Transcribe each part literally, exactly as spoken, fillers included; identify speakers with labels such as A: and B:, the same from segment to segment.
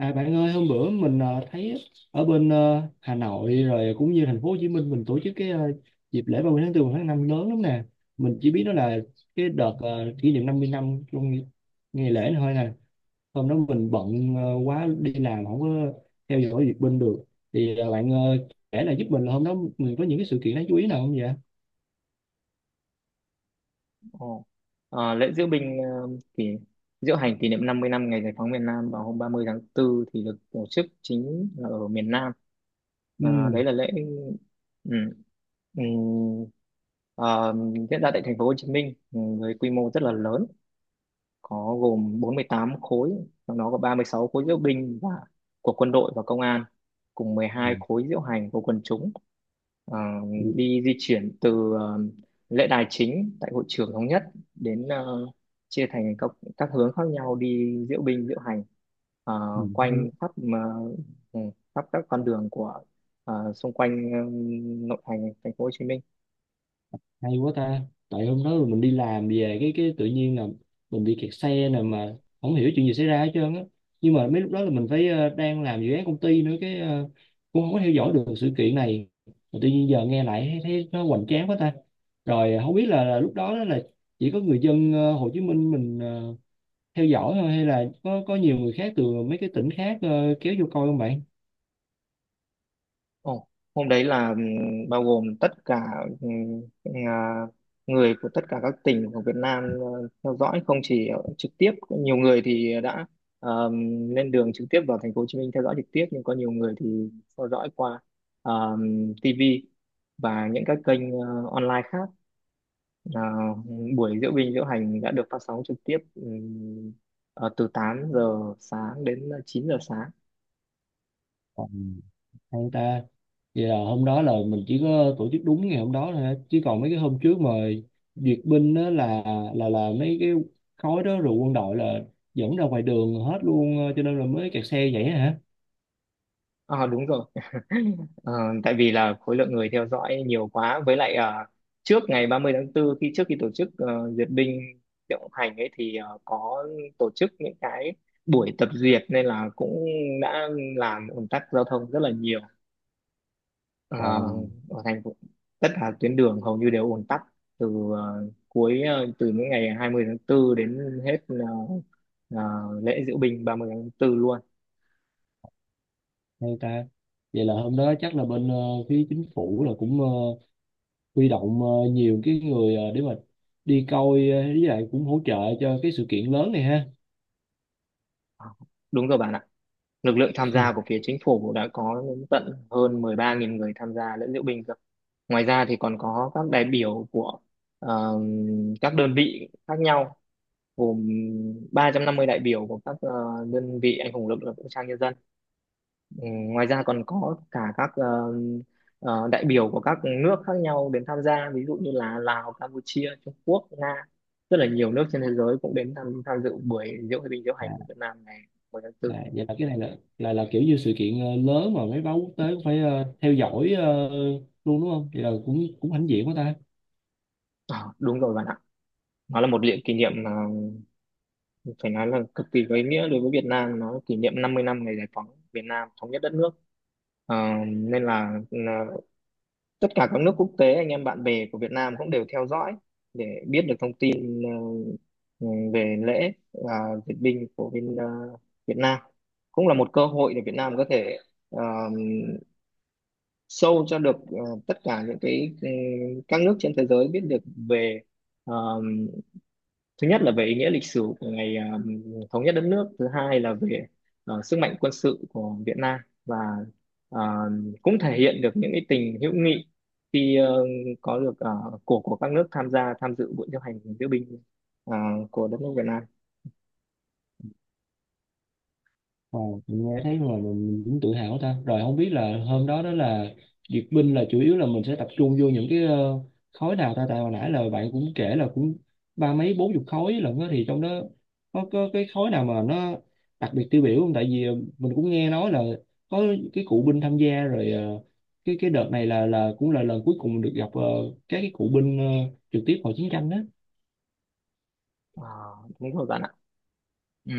A: À, bạn ơi, hôm bữa mình ờ, thấy ở bên ờ, Hà Nội rồi cũng như thành phố Hồ Chí Minh mình tổ chức cái ờ, dịp lễ ba mươi tháng bốn và tháng năm lớn lắm nè. Mình chỉ biết đó là cái đợt ờ, kỷ niệm năm mươi năm trong ngày lễ này thôi nè. Hôm đó mình bận ờ, quá, đi làm không có theo dõi việc bên được. Thì ờ, bạn ờ, kể là giúp mình là hôm đó mình có những cái sự kiện đáng chú ý nào không vậy?
B: Ồ. Ờ, lễ diễu binh ờ, kỷ diễu hành kỷ niệm năm mươi năm ngày giải phóng miền Nam vào hôm ba mươi tháng tư thì được tổ chức chính là ở miền Nam. Ờ,
A: Ừ.
B: đấy là lễ ừ. Ừ. ờ, diễn ra tại thành phố Hồ Chí Minh ừ, với quy mô rất là lớn, có gồm bốn mươi tám khối, trong đó có ba mươi sáu khối diễu binh và của quân đội và công an, cùng
A: Ừ.
B: mười hai khối diễu hành của quần chúng. Ờ,
A: Ừ.
B: đi di chuyển từ ờ, lễ đài chính tại hội trường thống nhất đến ờ, chia thành các các hướng khác nhau, đi diễu binh diễu hành ờ,
A: Ừ,
B: quanh khắp ờ, ừ, khắp các con đường của ờ, xung quanh ờ, nội thành thành phố Hồ Chí Minh.
A: hay quá ta. Tại hôm đó mình đi làm về cái cái tự nhiên là mình bị kẹt xe nè, mà không hiểu chuyện gì xảy ra hết trơn á. Nhưng mà mấy lúc đó là mình phải ờ, đang làm dự án công ty nữa, cái ờ, cũng không có theo dõi được sự kiện này. Mà tự nhiên giờ nghe lại thấy, thấy nó hoành tráng quá ta. Rồi không biết là, là lúc đó đó là chỉ có người dân ờ, Hồ Chí Minh mình ờ, theo dõi thôi, hay là có có nhiều người khác từ mấy cái tỉnh khác ờ, kéo vô coi không
B: Ồ, hôm đấy là ừm, bao gồm tất cả ừm, à, người của tất cả các tỉnh của Việt Nam ờ, theo dõi. Không chỉ ở trực tiếp, nhiều người thì đã ờm, lên đường trực tiếp vào thành phố Hồ Chí Minh theo dõi trực tiếp, nhưng có nhiều người thì theo dõi qua ờm, ti vi và những các kênh ờ, online khác. Là buổi diễu binh diễu hành đã được phát sóng trực tiếp ừm, ờ, từ tám giờ sáng đến chín giờ sáng.
A: bạn. Hay ta. Vậy là hôm đó là mình chỉ có tổ chức đúng ngày hôm đó thôi hả? Chứ còn mấy cái hôm trước mà duyệt binh đó là là là mấy cái khói đó, rồi quân đội là dẫn ra ngoài đường hết luôn, ờ, cho nên là mới kẹt xe vậy hả.
B: À, đúng rồi. Ờ, tại vì là khối lượng người theo dõi nhiều quá, với lại ờ, trước ngày ba mươi tháng 4, khi trước khi tổ chức ờ, duyệt binh diễu hành ấy, thì ờ, có tổ chức những cái buổi tập duyệt nên là cũng đã làm ùn tắc giao thông rất là nhiều. Ờ,
A: Wow,
B: ở thành phố, tất cả tuyến đường hầu như đều ùn tắc từ ờ, cuối ờ, từ những ngày hai mươi tháng 4 đến hết ờ, ờ, lễ diễu binh ba mươi tháng 4 luôn.
A: hay ta. Vậy là hôm đó chắc là bên ờ, phía chính phủ là cũng ờ, huy động ờ, nhiều cái người ờ, để mà đi coi, ờ, với lại cũng hỗ trợ cho cái sự kiện lớn này ha.
B: Ờ, đúng rồi bạn ạ. Lực lượng tham gia của phía chính phủ đã có đến tận hơn mười ba nghìn người tham gia lễ diễu binh cơ. Ngoài ra thì còn có các đại biểu của ờ, các đơn vị khác nhau, gồm ba trăm năm mươi đại biểu của các ờ, đơn vị anh hùng lực lượng vũ trang nhân dân. Ừ, ngoài ra còn có cả các ờ, ờ, đại biểu của các nước khác nhau đến tham gia, ví dụ như là Lào, Campuchia, Trung Quốc, Nga. Rất là nhiều nước trên thế giới cũng đến tham, tham dự buổi diễu binh diễu hành của Việt Nam ngày mười tháng tư.
A: À, vậy là cái này là là là kiểu như sự kiện ờ, lớn mà mấy báo quốc tế cũng phải ờ, theo dõi ờ, luôn đúng không? Vậy là cũng cũng hãnh diện quá ta.
B: Ờ, đúng rồi bạn, nó là một lễ kỷ niệm mà phải nói là cực kỳ có ý nghĩa đối với Việt Nam. Nó kỷ niệm năm mươi năm ngày giải phóng Việt Nam, thống nhất đất nước. Ờ, nên là là tất cả các nước quốc tế, anh em bạn bè của Việt Nam cũng đều theo dõi để biết được thông tin ờ, ừ, về lễ và duyệt binh của bên ờ, Việt Nam. Cũng là một cơ hội để Việt Nam có thể ờ, show cho được ờ, tất cả những cái ừ, các nước trên thế giới biết được về ờ, thứ nhất là về ý nghĩa lịch sử của ngày um, thống nhất đất nước, thứ hai là về ờ, sức mạnh quân sự của Việt Nam, và ờ, cũng thể hiện được những cái tình hữu nghị khi ờ, có được ờ, của của các nước tham gia tham dự buổi diễu hành diễu binh ờ, của đất nước Việt Nam.
A: Wow, mình nghe thấy rồi, mình, mình cũng tự hào ta. Rồi không biết là hôm đó đó là duyệt binh là chủ yếu là mình sẽ tập trung vô những cái ờ, khối nào ta. Tại hồi nãy là bạn cũng kể là cũng ba mấy bốn chục khối lận á, thì trong đó có có cái khối nào mà nó đặc biệt tiêu biểu không? Tại vì ờ, mình cũng nghe nói là có cái cụ binh tham gia rồi, ờ, cái cái đợt này là là cũng là lần cuối cùng được gặp ờ, các cái cụ binh ờ, trực tiếp hồi chiến tranh đó.
B: Ờ, đúng rồi bạn ạ. Ừm,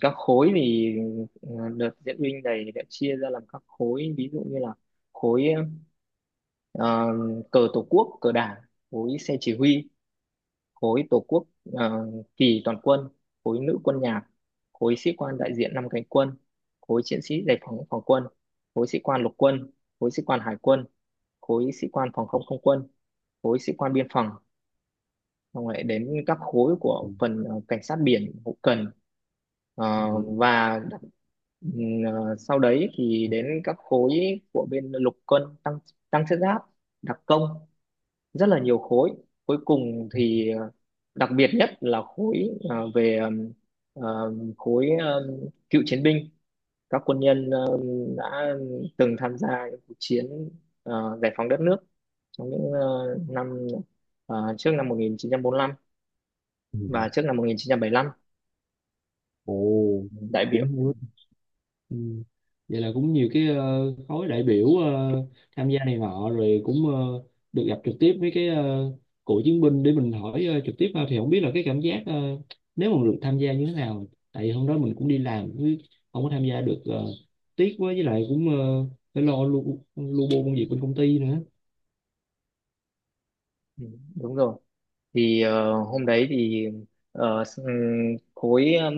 B: các khối thì ờ, đợt diễu binh này đã chia ra làm các khối, ví dụ như là khối ờ, cờ tổ quốc cờ đảng, khối xe chỉ huy, khối tổ quốc ờ, kỳ toàn quân, khối nữ quân nhạc, khối sĩ quan đại diện năm cánh quân, khối chiến sĩ giải phóng phòng quân, khối sĩ quan lục quân, khối sĩ quan hải quân, khối sĩ quan phòng không không quân, khối sĩ quan biên phòng, xong rồi đến các khối của phần ờ, cảnh sát biển, hậu cần.
A: Ừ.
B: Ờ, và ừm, ờ, sau đấy thì đến các khối của bên lục quân tăng, tăng thiết giáp, đặc công, rất là nhiều khối. Cuối cùng thì ờ, đặc biệt nhất là khối ờ, về ờm, ờm, khối ờm, cựu chiến binh, các quân nhân ờm, đã từng tham gia những cuộc chiến ờ, giải phóng đất nước trong những ờ, năm ờ, trước năm một nghìn chín trăm bốn lăm và
A: Ừ.
B: trước năm một nghìn chín trăm bảy lăm
A: Ồ,
B: đại biểu.
A: cũng hay. Ừ. Vậy là cũng nhiều cái ờ, khối đại biểu ờ, tham gia này nọ, rồi cũng ờ, được gặp trực tiếp với cái ờ, cựu chiến binh để mình hỏi ờ, trực tiếp ha. Thì không biết là cái cảm giác ờ, nếu mà được tham gia như thế nào, tại vì hôm đó mình cũng đi làm chứ không có tham gia được, ờ, tiếc quá, với lại cũng ờ, phải lo lu lu bu công việc bên công ty
B: Ừ, đúng rồi. Thì ờ, hôm đấy thì ờ, s- ừm, khối ừm,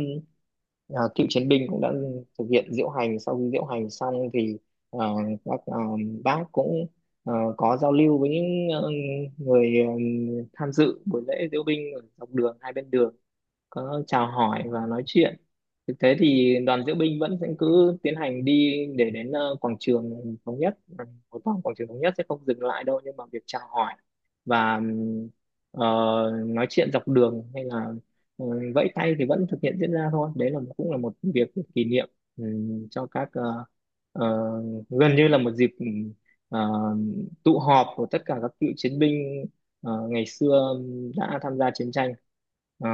B: ờ, cựu chiến binh cũng đã thực hiện diễu hành. Sau khi diễu hành xong thì ờ, các ờ, bác cũng ờ, có giao lưu với những ờ, người ờ, tham dự buổi lễ diễu binh ở dọc đường hai bên đường, có chào hỏi và nói chuyện. Thực tế thì đoàn diễu binh vẫn sẽ cứ tiến hành đi để đến ờ, quảng trường thống nhất. Ừ, một vòng quảng trường thống nhất sẽ không dừng lại đâu, nhưng mà việc chào hỏi và ừm, ờ, nói chuyện dọc đường hay là ừ, vẫy tay thì vẫn thực hiện diễn ra thôi. Đấy là cũng là một việc kỷ niệm, ừm, cho các ờ, ờ, gần như là một dịp ừm, ờ, tụ họp của tất cả các cựu chiến binh ờ, ngày xưa đã tham gia chiến tranh. Ờ,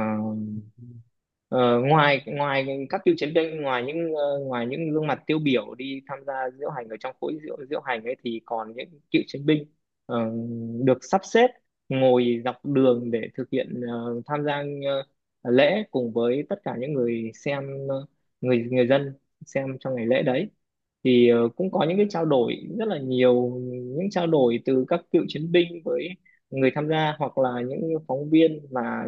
B: Ờ, ngoài ngoài các cựu chiến binh, ngoài những ờ, ngoài những gương mặt tiêu biểu đi tham gia diễu hành ở trong khối diễu diễu hành ấy, thì còn những cựu chiến binh ờ, được sắp xếp ngồi dọc đường để thực hiện ờ, tham gia ờ, lễ cùng với tất cả những người xem ờ, người người dân xem trong ngày lễ đấy. Thì ờ, cũng có những cái trao đổi rất là nhiều, những trao đổi từ các cựu chiến binh với người tham gia, hoặc là những phóng viên mà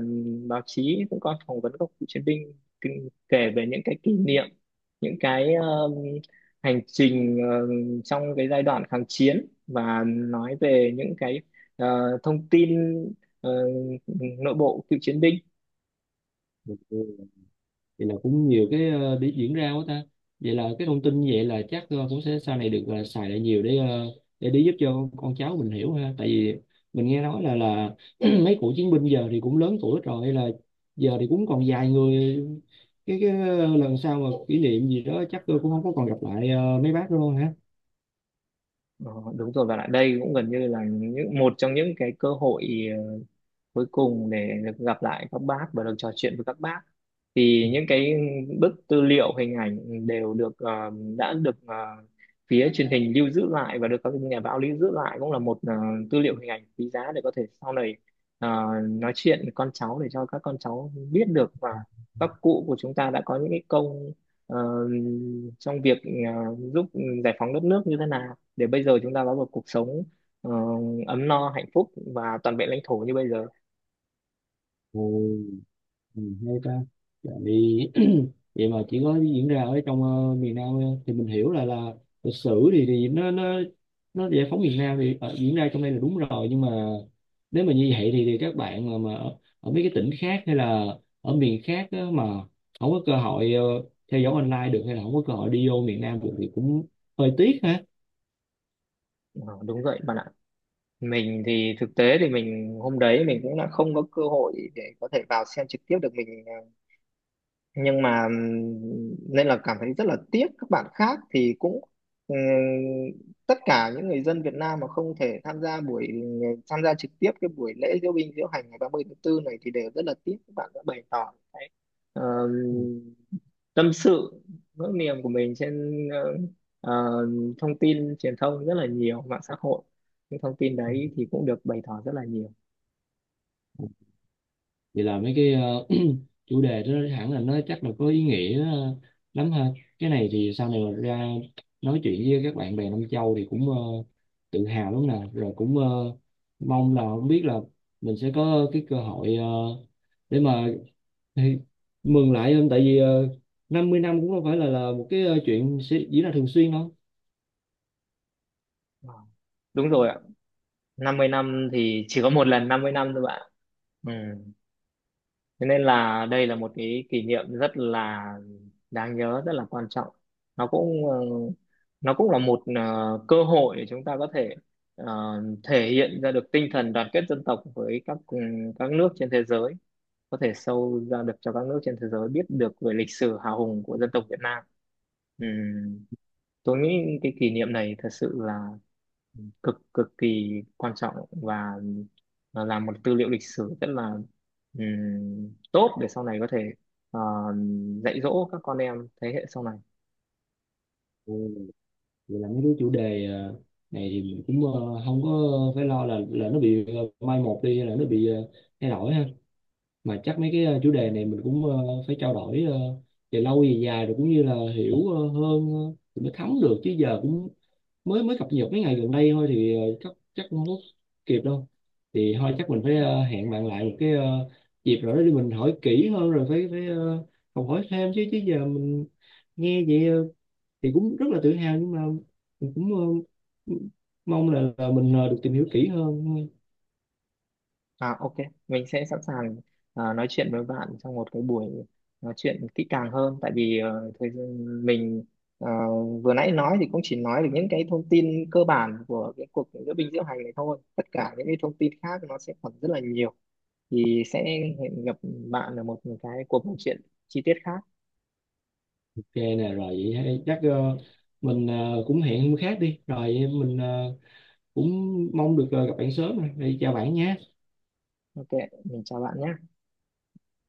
B: báo chí cũng có phỏng vấn các cựu chiến binh, kinh- kể về những cái kỷ niệm, những cái um, hành trình ờ, trong cái giai đoạn kháng chiến, và nói về những cái ờ, thông tin ờ, nội bộ cựu chiến binh.
A: nữa. Vậy là cũng nhiều cái ờ, để diễn ra quá ta. Vậy là cái thông tin như vậy là chắc ờ, cũng sẽ sau này được ờ, xài lại nhiều, để ờ, để để giúp cho con con cháu mình hiểu ha. Tại vì mình nghe nói là là mấy cụ chiến binh giờ thì cũng lớn tuổi rồi, là giờ thì cũng còn vài người. Cái cái ờ, lần sau mà kỷ niệm gì đó chắc tôi cũng không có còn gặp lại ờ, mấy bác đâu ha.
B: Ờ, đúng rồi, và lại đây cũng gần như là những một trong những cái cơ hội cuối cùng để được gặp lại các bác và được trò chuyện với các bác. Thì những cái bức tư liệu hình ảnh đều được ờ, đã được ờ, phía truyền hình lưu giữ lại và được các nhà báo lưu giữ lại, cũng là một ờ, tư liệu hình ảnh quý giá để có thể sau này ờ, nói chuyện với con cháu, để cho các con cháu biết được và các cụ của chúng ta đã có những cái công ờ, trong việc ờ, giúp giải phóng đất nước như thế nào, để bây giờ chúng ta có một cuộc sống ờ, ấm no hạnh phúc và toàn vẹn lãnh thổ như bây giờ.
A: Ồ. Ừ, hay ta. Tại vì vậy mà chỉ có diễn ra ở trong ờ, miền Nam thôi. Thì mình hiểu là là lịch sử thì thì nó nó nó giải phóng miền Nam thì ờ, diễn ra trong đây là đúng rồi, nhưng mà nếu mà như vậy thì, thì các bạn mà mà ở, ở mấy cái tỉnh khác hay là ở miền khác á, mà không có cơ hội ờ, theo dõi online được hay là không có cơ hội đi vô miền Nam được thì cũng hơi tiếc ha.
B: Ờ, đúng vậy bạn ạ. Mình thì thực tế thì mình hôm đấy mình cũng đã không có cơ hội để có thể vào xem trực tiếp được mình, ờ, nhưng mà nên là cảm thấy rất là tiếc. Các bạn khác thì cũng ừm, tất cả những người dân Việt Nam mà không thể tham gia buổi, tham gia trực tiếp cái buổi lễ diễu binh diễu hành ngày ba mươi tháng tư này thì đều rất là tiếc. Các bạn đã bày tỏ cái ờm, tâm sự, nỗi niềm của mình trên ờ, ờ, thông tin truyền thông rất là nhiều, mạng xã hội. Những thông tin đấy thì cũng được bày tỏ rất là nhiều.
A: Vậy là mấy cái ờ, chủ đề đó hẳn là nó chắc là có ý nghĩa ờ, lắm ha. Cái này thì sau này mà ra nói chuyện với các bạn bè Nam Châu thì cũng ờ, tự hào lắm nè, rồi cũng ờ, mong là không biết là mình sẽ có cái cơ hội ờ, để mà thì mừng lại không, tại vì ờ, năm mươi năm cũng không phải là là một cái ờ, chuyện sẽ diễn ra thường xuyên đâu.
B: Wow, đúng rồi ạ. Năm mươi năm thì chỉ có một lần năm mươi năm thôi bạn. Ừ. Thế nên là đây là một cái kỷ niệm rất là đáng nhớ, rất là quan trọng. Nó cũng ờ, nó cũng là một ờ, cơ hội để chúng ta có thể ờ, thể hiện ra được tinh thần đoàn kết dân tộc với các ừ, các nước trên thế giới, có thể sâu ra được cho các nước trên thế giới biết được về lịch sử hào hùng của dân tộc Việt Nam. Ừm, tôi nghĩ cái kỷ niệm này thật sự là cực cực kỳ quan trọng, và là làm một tư liệu lịch sử rất là ừm, tốt, để sau này có thể ờ, dạy dỗ các con em thế hệ sau này.
A: Ừ, vậy là mấy cái chủ đề ờ, này thì mình cũng ờ, không có phải lo là là nó bị ờ, mai một đi hay là nó bị ờ, thay đổi ha. Mà chắc mấy cái ờ, chủ đề này mình cũng ờ, phải trao đổi ờ, về lâu về dài, rồi cũng như là hiểu ờ, hơn ờ, thì mới thấm được, chứ giờ cũng mới mới cập nhật mấy ngày gần đây thôi, thì ờ, chắc chắc không có kịp đâu. Thì thôi, chắc mình phải ờ, hẹn bạn lại một cái ờ, dịp rồi đó để mình hỏi kỹ hơn, rồi phải phải ờ, học hỏi thêm, chứ chứ giờ mình nghe vậy ờ, thì cũng rất là tự hào, nhưng mà mình cũng ờ, mong là, là mình ờ, được tìm hiểu kỹ hơn.
B: À, ok, mình sẽ sẵn sàng ờ, nói chuyện với bạn trong một cái buổi nói chuyện kỹ càng hơn, tại vì ờ, thời gian mình ờ, vừa nãy nói thì cũng chỉ nói được những cái thông tin cơ bản của cái cuộc diễu binh diễu hành này thôi. Tất cả những cái thông tin khác nó sẽ còn rất là nhiều. Thì sẽ hẹn gặp bạn ở một cái cuộc nói chuyện chi tiết khác.
A: Ok nè, rồi vậy hay. Chắc ờ, mình ờ, cũng hẹn hôm khác đi. Rồi mình ờ, cũng mong được ờ, gặp bạn sớm rồi. Đi chào bạn nha.
B: Ok, ok, mình chào bạn nhé.